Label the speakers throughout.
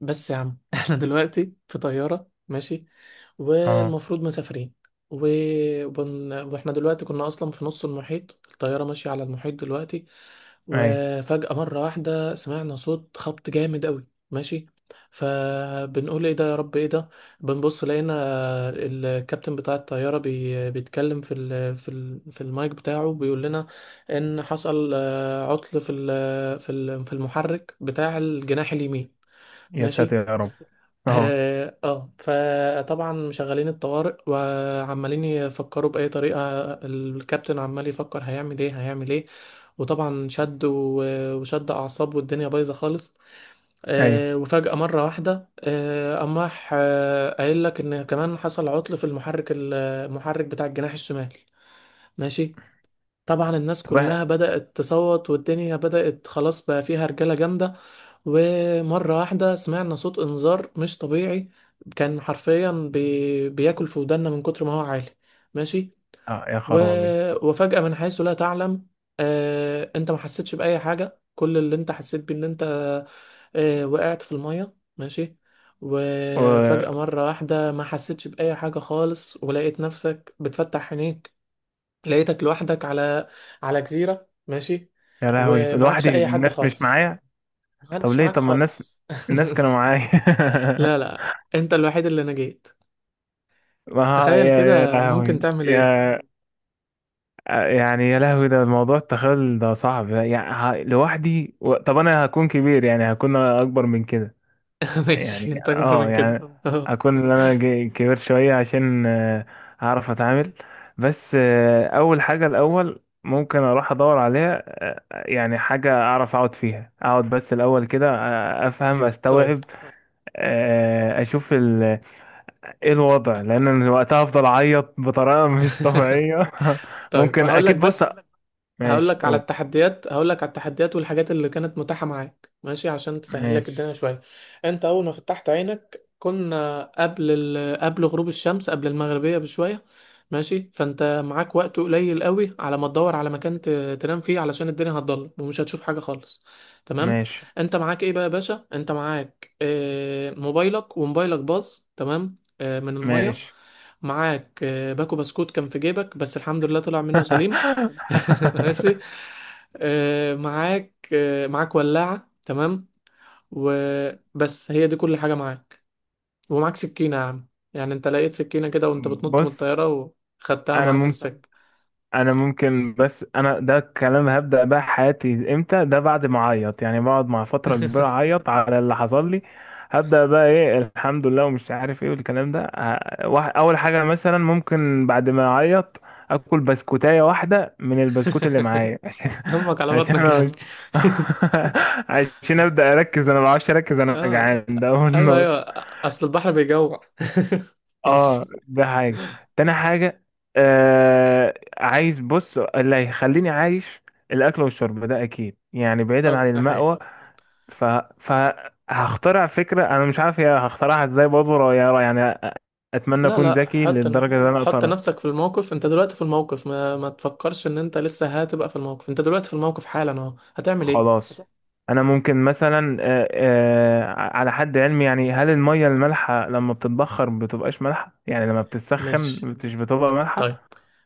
Speaker 1: بس يا عم احنا دلوقتي في طيارة ماشي،
Speaker 2: اه.
Speaker 1: والمفروض مسافرين. و... واحنا دلوقتي كنا اصلا في نص المحيط، الطيارة ماشية على المحيط دلوقتي.
Speaker 2: ايوه.
Speaker 1: وفجأة مرة واحدة سمعنا صوت خبط جامد قوي ماشي، فبنقول ايه ده يا رب ايه ده. بنبص لقينا الكابتن بتاع الطيارة بيتكلم في المايك بتاعه، بيقول لنا ان حصل عطل في المحرك بتاع الجناح اليمين.
Speaker 2: يا ساتر
Speaker 1: ماشي.
Speaker 2: يا رب. اهو.
Speaker 1: اه. آه. فطبعا مشغلين الطوارئ وعمالين يفكروا بأي طريقة. الكابتن عمال يفكر هيعمل ايه هيعمل ايه، وطبعا شد وشد أعصاب، والدنيا بايظة خالص.
Speaker 2: ايوه.
Speaker 1: وفجأة مرة واحدة قام راح قايل لك إن كمان حصل عطل في المحرك المحرك بتاع الجناح الشمالي. ماشي. طبعا الناس
Speaker 2: طب
Speaker 1: كلها بدأت تصوت، والدنيا بدأت خلاص بقى فيها رجالة جامدة. ومرة واحدة سمعنا صوت إنذار مش طبيعي، كان حرفيا بياكل في ودنا من كتر ما هو عالي. ماشي.
Speaker 2: يا
Speaker 1: و...
Speaker 2: خرابي،
Speaker 1: وفجأة من حيث لا تعلم انت ما حسيتش بأي حاجة. كل اللي انت حسيت بيه ان انت وقعت في المية. ماشي.
Speaker 2: و...
Speaker 1: وفجأة مرة واحدة ما حسيتش بأي حاجة خالص، ولقيت نفسك بتفتح عينيك. لقيتك لوحدك على جزيرة ماشي،
Speaker 2: يا لهوي،
Speaker 1: ومعكش
Speaker 2: لوحدي،
Speaker 1: اي حد
Speaker 2: الناس مش
Speaker 1: خالص.
Speaker 2: معايا. طب
Speaker 1: محدش
Speaker 2: ليه؟
Speaker 1: معاك
Speaker 2: طب ما الناس،
Speaker 1: خالص.
Speaker 2: الناس كانوا معايا.
Speaker 1: لا لا، انت الوحيد اللي نجيت.
Speaker 2: ما ها-
Speaker 1: تخيل
Speaker 2: يا
Speaker 1: كده، ممكن
Speaker 2: لهوي
Speaker 1: تعمل ايه؟
Speaker 2: يا. يعني يا لهوي، ده الموضوع التخيل ده صعب، يعني لوحدي طب انا هكون كبير، يعني هكون اكبر من كده.
Speaker 1: ماشي،
Speaker 2: يعني
Speaker 1: انت اكبر
Speaker 2: اه
Speaker 1: من كده.
Speaker 2: يعني
Speaker 1: اهو.
Speaker 2: اكون ان انا كبير شويه عشان اعرف اتعامل. بس اول حاجه الاول ممكن اروح ادور عليها، يعني حاجه اعرف اقعد فيها، اقعد بس الاول كده افهم
Speaker 1: طيب.
Speaker 2: استوعب، اشوف ايه الوضع، لان أنا وقتها افضل اعيط بطريقه مش طبيعيه.
Speaker 1: طيب
Speaker 2: ممكن
Speaker 1: هقول لك.
Speaker 2: اكيد، بص.
Speaker 1: بس هقول
Speaker 2: ماشي،
Speaker 1: لك على
Speaker 2: قول.
Speaker 1: التحديات، هقول لك على التحديات والحاجات اللي كانت متاحة معاك ماشي، عشان تسهل لك
Speaker 2: ماشي.
Speaker 1: الدنيا شوية. انت اول ما فتحت عينك كنا قبل قبل غروب الشمس، قبل المغربية بشوية ماشي. فانت معاك وقت قليل قوي على ما تدور على مكان تنام فيه، علشان الدنيا هتضلم ومش هتشوف حاجة خالص. تمام.
Speaker 2: ماشي
Speaker 1: انت معاك ايه بقى يا باشا؟ انت معاك موبايلك، وموبايلك باظ تمام من المية.
Speaker 2: ماشي.
Speaker 1: معاك باكو بسكوت كان في جيبك بس الحمد لله طلع منه سليم. ماشي. معاك ولاعة تمام. وبس، هي دي كل حاجة معاك. ومعاك سكينة يا عم، يعني انت لقيت سكينة كده وانت بتنط من
Speaker 2: بص
Speaker 1: الطيارة وخدتها
Speaker 2: انا
Speaker 1: معاك في
Speaker 2: ممكن،
Speaker 1: السكة.
Speaker 2: انا ممكن، بس انا ده الكلام هبدأ بقى حياتي امتى؟ ده بعد ما اعيط، يعني بقعد مع فترة كبيرة اعيط على اللي حصل لي. هبدأ بقى ايه الحمد لله ومش عارف ايه والكلام ده اول حاجة مثلا ممكن بعد ما اعيط اكل بسكوتاية واحدة من البسكوت اللي معايا، عشان،
Speaker 1: همك على
Speaker 2: عشان
Speaker 1: بطنك
Speaker 2: انا
Speaker 1: يعني.
Speaker 2: مش، عشان ابدأ اركز، انا ما بعرفش اركز، انا
Speaker 1: اه.
Speaker 2: جعان، ده اول
Speaker 1: ايوه
Speaker 2: نقطة.
Speaker 1: ايوه. اصل البحر بيجوع.
Speaker 2: اه
Speaker 1: ماشي.
Speaker 2: ده حاجة. تاني حاجة، آه عايز بص اللي هيخليني عايش الأكل والشرب ده أكيد، يعني بعيدا
Speaker 1: اه،
Speaker 2: عن
Speaker 1: ده حقيقة.
Speaker 2: المأوى. ف... فهخترع فكرة، أنا مش عارف هي هخترعها إزاي برضه يعني أتمنى
Speaker 1: لا
Speaker 2: أكون
Speaker 1: لا،
Speaker 2: ذكي
Speaker 1: حط
Speaker 2: للدرجة اللي أنا
Speaker 1: حط
Speaker 2: أقدر.
Speaker 1: نفسك في الموقف. انت دلوقتي في الموقف، ما تفكرش ان انت لسه هتبقى في الموقف، انت دلوقتي في الموقف حالا اهو، هتعمل ايه؟
Speaker 2: خلاص، أنا ممكن مثلا آه على حد علمي، يعني هل المية المالحة لما بتتبخر بتبقاش مالحة؟ يعني لما بتتسخن
Speaker 1: ماشي.
Speaker 2: مش بتبقى
Speaker 1: طيب.
Speaker 2: مالحة؟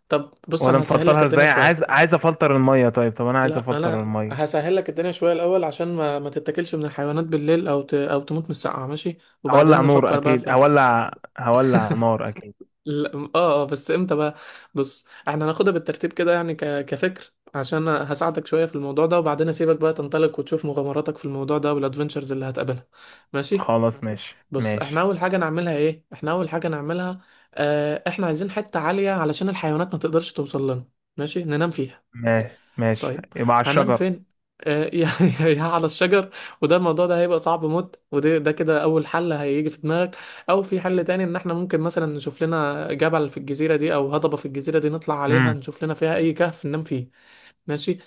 Speaker 1: طب بص،
Speaker 2: ولا
Speaker 1: انا هسهل لك
Speaker 2: نفلترها
Speaker 1: الدنيا
Speaker 2: ازاي؟ عايز،
Speaker 1: شويه.
Speaker 2: عايز افلتر الميه، طيب، طب انا عايز
Speaker 1: لا،
Speaker 2: افلتر
Speaker 1: انا
Speaker 2: الميه.
Speaker 1: هسهل لك الدنيا شويه الاول، عشان ما تتاكلش من الحيوانات بالليل، او تموت من السقعه ماشي.
Speaker 2: هولع
Speaker 1: وبعدين
Speaker 2: نور
Speaker 1: نفكر بقى
Speaker 2: اكيد
Speaker 1: في.
Speaker 2: هولع، هولع نار اكيد.
Speaker 1: لا، اه اه بس امتى بقى؟ بص، احنا هناخدها بالترتيب كده، يعني كفكر، عشان هساعدك شويه في الموضوع ده، وبعدين اسيبك بقى تنطلق وتشوف مغامراتك في الموضوع ده، والادفنتشرز اللي هتقابلها. ماشي.
Speaker 2: خلاص ماشي.
Speaker 1: بص، احنا
Speaker 2: ماشي
Speaker 1: اول حاجه نعملها ايه؟ احنا اول حاجه نعملها اه، احنا عايزين حته عاليه علشان الحيوانات ما تقدرش توصل لنا، ماشي، ننام فيها.
Speaker 2: ماشي. ماشي
Speaker 1: طيب.
Speaker 2: يبقى على
Speaker 1: هننام
Speaker 2: الشجر.
Speaker 1: فين؟ اه. يا يا، على الشجر. وده الموضوع ده هيبقى صعب موت، وده ده كده اول حل هيجي في دماغك. او في حل تاني، ان احنا ممكن مثلا نشوف لنا جبل في الجزيره دي او هضبه في الجزيره دي، نطلع عليها
Speaker 2: امم.
Speaker 1: نشوف لنا فيها اي كهف ننام فيه. ماشي.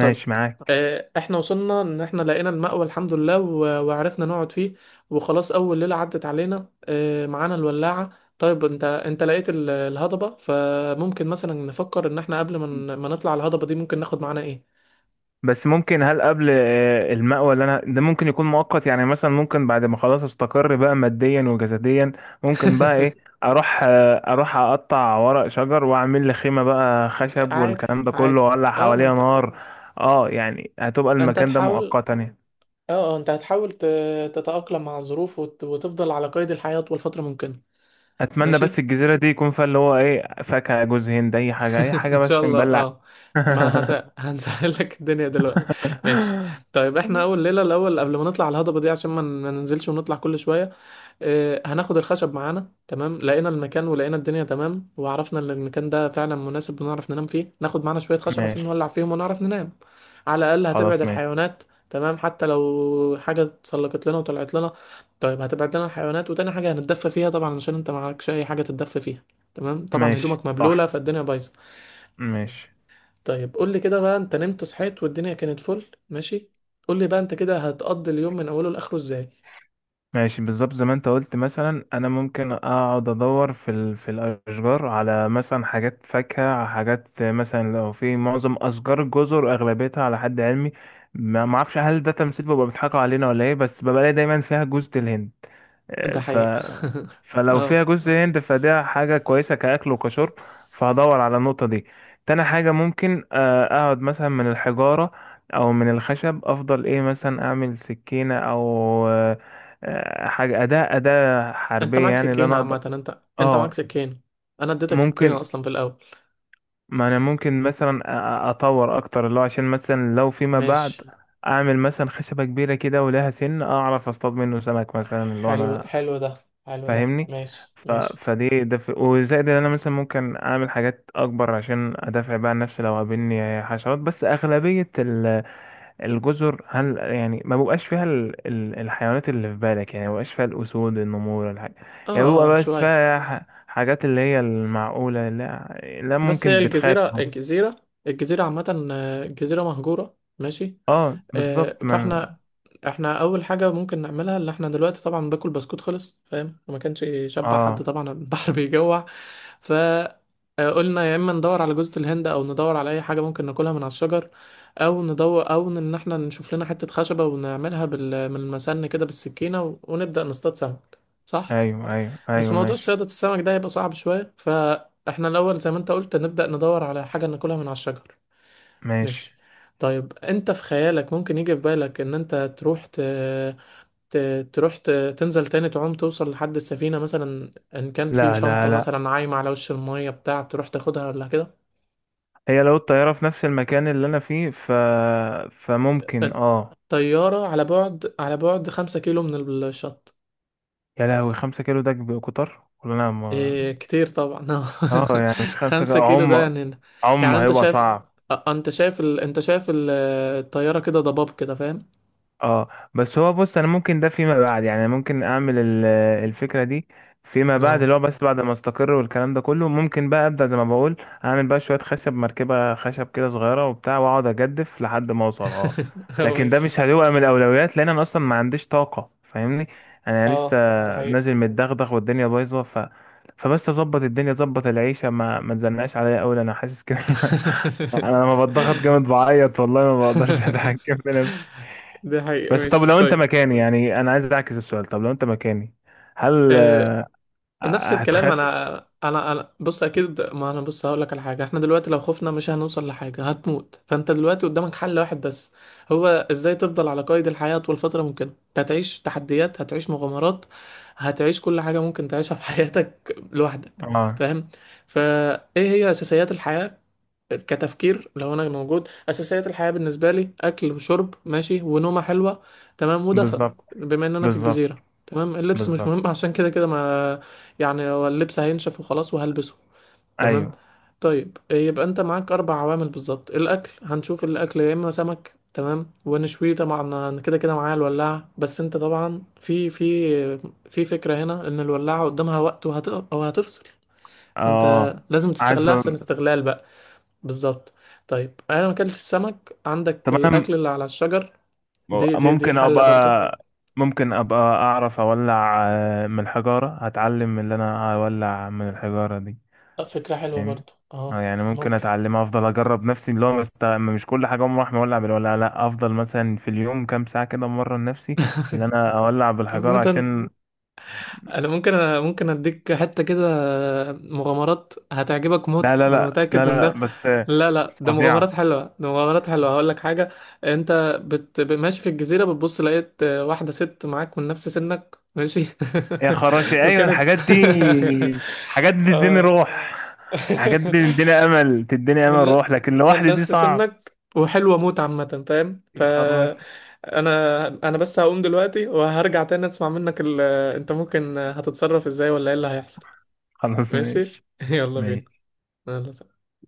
Speaker 1: طيب.
Speaker 2: معاك.
Speaker 1: احنا وصلنا ان احنا لقينا المأوى الحمد لله، وعرفنا نقعد فيه. وخلاص، اول ليلة عدت علينا معانا الولاعة. طيب، انت انت لقيت الهضبة، فممكن مثلا نفكر ان احنا قبل ما ما نطلع الهضبة دي ممكن ناخد معانا ايه.
Speaker 2: بس ممكن، هل قبل المأوى اللي انا ده ممكن يكون مؤقت؟ يعني مثلا ممكن بعد ما خلاص استقر بقى ماديا وجسديا، ممكن بقى ايه، اروح اروح اقطع ورق شجر واعمل لي خيمة بقى، خشب
Speaker 1: عادي.
Speaker 2: والكلام ده كله،
Speaker 1: عادي.
Speaker 2: واولع
Speaker 1: اه، ما
Speaker 2: حواليها
Speaker 1: انت
Speaker 2: نار. اه يعني هتبقى
Speaker 1: انت
Speaker 2: المكان ده
Speaker 1: هتحاول.
Speaker 2: مؤقتا يعني.
Speaker 1: اه اه، انت هتحاول تتأقلم مع الظروف، وتفضل على قيد الحياة طول فترة ممكنة.
Speaker 2: اتمنى بس
Speaker 1: ماشي.
Speaker 2: الجزيره دي يكون فيها اللي هو ايه، فاكهه، جوز هند، اي حاجه، اي حاجه
Speaker 1: ان شاء
Speaker 2: بس
Speaker 1: الله
Speaker 2: نبلع.
Speaker 1: اه. ما هس... هنسهل لك الدنيا دلوقتي. ماشي. طيب، احنا اول ليله الاول قبل ما نطلع الهضبه دي، عشان ما ننزلش ونطلع كل شويه، اه هناخد الخشب معانا. تمام، لقينا المكان ولقينا الدنيا تمام وعرفنا ان المكان ده فعلا مناسب بنعرف ننام فيه، ناخد معانا شويه خشب عشان
Speaker 2: ماشي.
Speaker 1: نولع فيهم ونعرف ننام. على الاقل هتبعد
Speaker 2: خلاص ماشي.
Speaker 1: الحيوانات. تمام، حتى لو حاجه اتسلقت لنا وطلعت لنا. طيب، هتبعد لنا الحيوانات، وتاني حاجه هنتدفى فيها طبعا، عشان انت معكش اي حاجه تتدفى فيها. تمام، طبعا
Speaker 2: ماشي
Speaker 1: هدومك
Speaker 2: صح.
Speaker 1: مبلوله فالدنيا بايظه.
Speaker 2: ماشي
Speaker 1: طيب، قول لي كده بقى، انت نمت صحيت والدنيا كانت فل ماشي. قول لي بقى انت كده هتقضي اليوم من اوله لاخره ازاي.
Speaker 2: ماشي. بالظبط زي ما انت قلت، مثلا انا ممكن اقعد ادور في في الاشجار على مثلا حاجات فاكهه، على حاجات مثلا لو في معظم اشجار الجزر اغلبيتها على حد علمي. ما اعرفش هل ده تمثيل بيبقى بيضحكوا علينا ولا ايه، بس ببقى الاقي دايما فيها جوز الهند آه،
Speaker 1: ده
Speaker 2: ف
Speaker 1: حقيقة.
Speaker 2: فلو فيها
Speaker 1: اه،
Speaker 2: جزء هند فده حاجة كويسة كأكل وكشرب. فهدور على النقطة دي. تاني حاجة ممكن أقعد مثلا من الحجارة أو من الخشب أفضل، إيه مثلا أعمل سكينة أو آه، حاجة أداة، أداة
Speaker 1: انت
Speaker 2: حربية
Speaker 1: معاك
Speaker 2: يعني اللي
Speaker 1: سكينة
Speaker 2: أنا أقدر.
Speaker 1: عامة. انت انت معاك
Speaker 2: اه
Speaker 1: سكينة، انا اديتك سكينة
Speaker 2: ممكن،
Speaker 1: اصلا في الاول.
Speaker 2: ما انا ممكن مثلا اطور اكتر اللي هو، عشان مثلا لو فيما
Speaker 1: ماشي.
Speaker 2: بعد اعمل مثلا خشبة كبيرة كده ولها سن اعرف اصطاد منه سمك مثلا، اللي هو
Speaker 1: حلو.
Speaker 2: انا
Speaker 1: حلو ده، حلو ده.
Speaker 2: فاهمني.
Speaker 1: ماشي ماشي.
Speaker 2: فدي ده وزائد ان انا مثلا ممكن اعمل حاجات اكبر عشان ادافع بقى عن نفسي لو قابلني حشرات. بس اغلبية الجزر، هل يعني ما بيبقاش فيها الحيوانات اللي في بالك؟ يعني ما بيبقاش فيها الأسود النمور الحاجة؟
Speaker 1: اه
Speaker 2: يعني بيبقى
Speaker 1: اه
Speaker 2: بس
Speaker 1: شوية.
Speaker 2: فيها حاجات اللي هي المعقولة. لا، لا
Speaker 1: بس هي
Speaker 2: ممكن، بتخاف.
Speaker 1: الجزيرة الجزيرة، الجزيرة عامة الجزيرة مهجورة ماشي.
Speaker 2: اه
Speaker 1: آه،
Speaker 2: بالظبط، ما أنا...
Speaker 1: فاحنا احنا اول حاجه ممكن نعملها، اللي احنا دلوقتي طبعا باكل بسكوت خلص، فاهم؟ وما كانش يشبع حد
Speaker 2: اه
Speaker 1: طبعا، البحر بيجوع. ف قلنا يا اما ندور على جوزة الهند، او ندور على اي حاجه ممكن ناكلها من على الشجر، او ندور، او ان احنا نشوف لنا حته خشبه ونعملها من المسن كده بالسكينه، ونبدا نصطاد سمك، صح؟
Speaker 2: ايوه ايوه
Speaker 1: بس
Speaker 2: ايوه
Speaker 1: موضوع
Speaker 2: ماشي.
Speaker 1: صياده السمك ده هيبقى صعب شويه، فاحنا الاول زي ما انت قلت نبدا ندور على حاجه ناكلها من على الشجر.
Speaker 2: ماشي.
Speaker 1: ماشي. طيب، انت في خيالك ممكن يجي في بالك ان انت تروح ت... تروح ت... تنزل تاني تعوم، توصل لحد السفينة مثلا، ان كان في
Speaker 2: لا لا
Speaker 1: شنطة
Speaker 2: لا.
Speaker 1: مثلا عايمة على وش المية بتاع تروح تاخدها، ولا كده؟
Speaker 2: هي لو الطيارة في نفس المكان اللي انا فيه فممكن، اه.
Speaker 1: الطيارة على بعد، على بعد 5 كيلو من الشط.
Speaker 2: يا لهوي، 5 كيلو ده كتر ولا انا ما...
Speaker 1: إيه، كتير طبعا.
Speaker 2: اه يعني مش خمسة
Speaker 1: خمسة
Speaker 2: كيلو
Speaker 1: كيلو ده
Speaker 2: عم،
Speaker 1: يعني.
Speaker 2: عم
Speaker 1: يعني انت
Speaker 2: هيبقى
Speaker 1: شايف
Speaker 2: صعب.
Speaker 1: انت شايف الطيارة كده ضباب كده، فاهم؟
Speaker 2: اه بس هو، بص انا ممكن ده فيما بعد، يعني ممكن اعمل الفكره دي فيما بعد،
Speaker 1: اه.
Speaker 2: اللي هو بس بعد ما استقر والكلام ده كله، ممكن بقى ابدا زي ما بقول اعمل بقى شويه خشب، مركبه خشب كده صغيره وبتاع، واقعد اجدف لحد ما اوصل اه.
Speaker 1: هو
Speaker 2: لكن ده
Speaker 1: ماشي.
Speaker 2: مش هيبقى من الاولويات لان انا اصلا ما عنديش طاقه، فاهمني، انا لسه
Speaker 1: اه ده حقيقة.
Speaker 2: نازل متدغدغ والدنيا بايظه. فبس اظبط الدنيا، اظبط العيشه، ما تزنقش عليا قوي، انا حاسس كده. انا لما بتضغط جامد بعيط والله ما بقدرش اتحكم في نفسي.
Speaker 1: دي حقيقة.
Speaker 2: بس طب
Speaker 1: ماشي.
Speaker 2: لو انت
Speaker 1: طيب.
Speaker 2: مكاني، يعني انا عايز اعكس السؤال، طب لو انت مكاني هل
Speaker 1: آه نفس الكلام
Speaker 2: هتخاف؟
Speaker 1: انا. انا بص اكيد، ما انا بص هقول لك على حاجة، احنا دلوقتي لو خفنا مش هنوصل لحاجة، هتموت. فانت دلوقتي قدامك حل واحد بس، هو ازاي تفضل على قيد الحياة طول فترة ممكنة. انت هتعيش تحديات، هتعيش مغامرات، هتعيش كل حاجة ممكن تعيشها في حياتك لوحدك.
Speaker 2: اه
Speaker 1: فاهم؟ فايه هي اساسيات الحياة؟ كتفكير، لو انا موجود، اساسيات الحياه بالنسبه لي اكل وشرب ماشي، ونومه حلوه تمام، ودفى.
Speaker 2: بالظبط.
Speaker 1: بما ان انا في
Speaker 2: بالظبط.
Speaker 1: الجزيره تمام، اللبس مش
Speaker 2: بالظبط.
Speaker 1: مهم. عشان كده كده ما، يعني هو اللبس هينشف وخلاص وهلبسه، تمام.
Speaker 2: ايوه.
Speaker 1: طيب، يبقى انت معاك اربع عوامل بالظبط. الاكل، هنشوف الاكل يا اما سمك تمام ونشويه طبعا، انا كده كده معايا الولاعه. بس انت طبعا في في فكره هنا، ان الولاعه قدامها وقت وهتفصل، فانت
Speaker 2: اه
Speaker 1: لازم
Speaker 2: عايز
Speaker 1: تستغلها احسن استغلال بقى. بالظبط. طيب، انا ما اكلتش السمك، عندك
Speaker 2: طب انا
Speaker 1: الاكل اللي على الشجر. دي
Speaker 2: ممكن
Speaker 1: حلة برضو.
Speaker 2: ابقى، ممكن ابقى اعرف اولع من الحجارة، هتعلم اللي انا اولع من الحجارة دي،
Speaker 1: فكرة حلوة
Speaker 2: فاهم.
Speaker 1: برضو
Speaker 2: اه
Speaker 1: اه.
Speaker 2: يعني ممكن
Speaker 1: ممكن.
Speaker 2: اتعلم، افضل اجرب نفسي، اللي هو مش كل حاجة اقوم راح مولع بالولع، لا افضل مثلا في اليوم كام ساعة كده مرة لنفسي اللي انا اولع بالحجارة،
Speaker 1: عامة،
Speaker 2: عشان
Speaker 1: انا ممكن أنا ممكن اديك حتة كده مغامرات هتعجبك
Speaker 2: لا
Speaker 1: موت،
Speaker 2: لا
Speaker 1: وانا
Speaker 2: لا لا
Speaker 1: متأكد من
Speaker 2: لا
Speaker 1: ده.
Speaker 2: لا، بس.
Speaker 1: لا لا،
Speaker 2: بس
Speaker 1: ده مغامرات
Speaker 2: فظيعة.
Speaker 1: حلوة، ده مغامرات حلوة. هقول لك حاجة، انت ماشي في الجزيرة بتبص لقيت واحدة ست معاك من نفس سنك ماشي.
Speaker 2: يا خراشي أيوة
Speaker 1: وكانت.
Speaker 2: الحاجات دي، حاجات دي تديني
Speaker 1: آه.
Speaker 2: روح، الحاجات دي تديني أمل، تديني أمل،
Speaker 1: من
Speaker 2: روح، لكن
Speaker 1: من
Speaker 2: لوحدي دي
Speaker 1: نفس
Speaker 2: صعب.
Speaker 1: سنك، وحلوة موت عامة، فاهم؟ ف
Speaker 2: يا خراشي.
Speaker 1: انا، انا بس هقوم دلوقتي وهرجع تاني اسمع منك انت ممكن هتتصرف ازاي، ولا ايه اللي هيحصل.
Speaker 2: خلاص
Speaker 1: ماشي.
Speaker 2: ماشي
Speaker 1: يلا بينا.
Speaker 2: ماشي
Speaker 1: يلا سلام.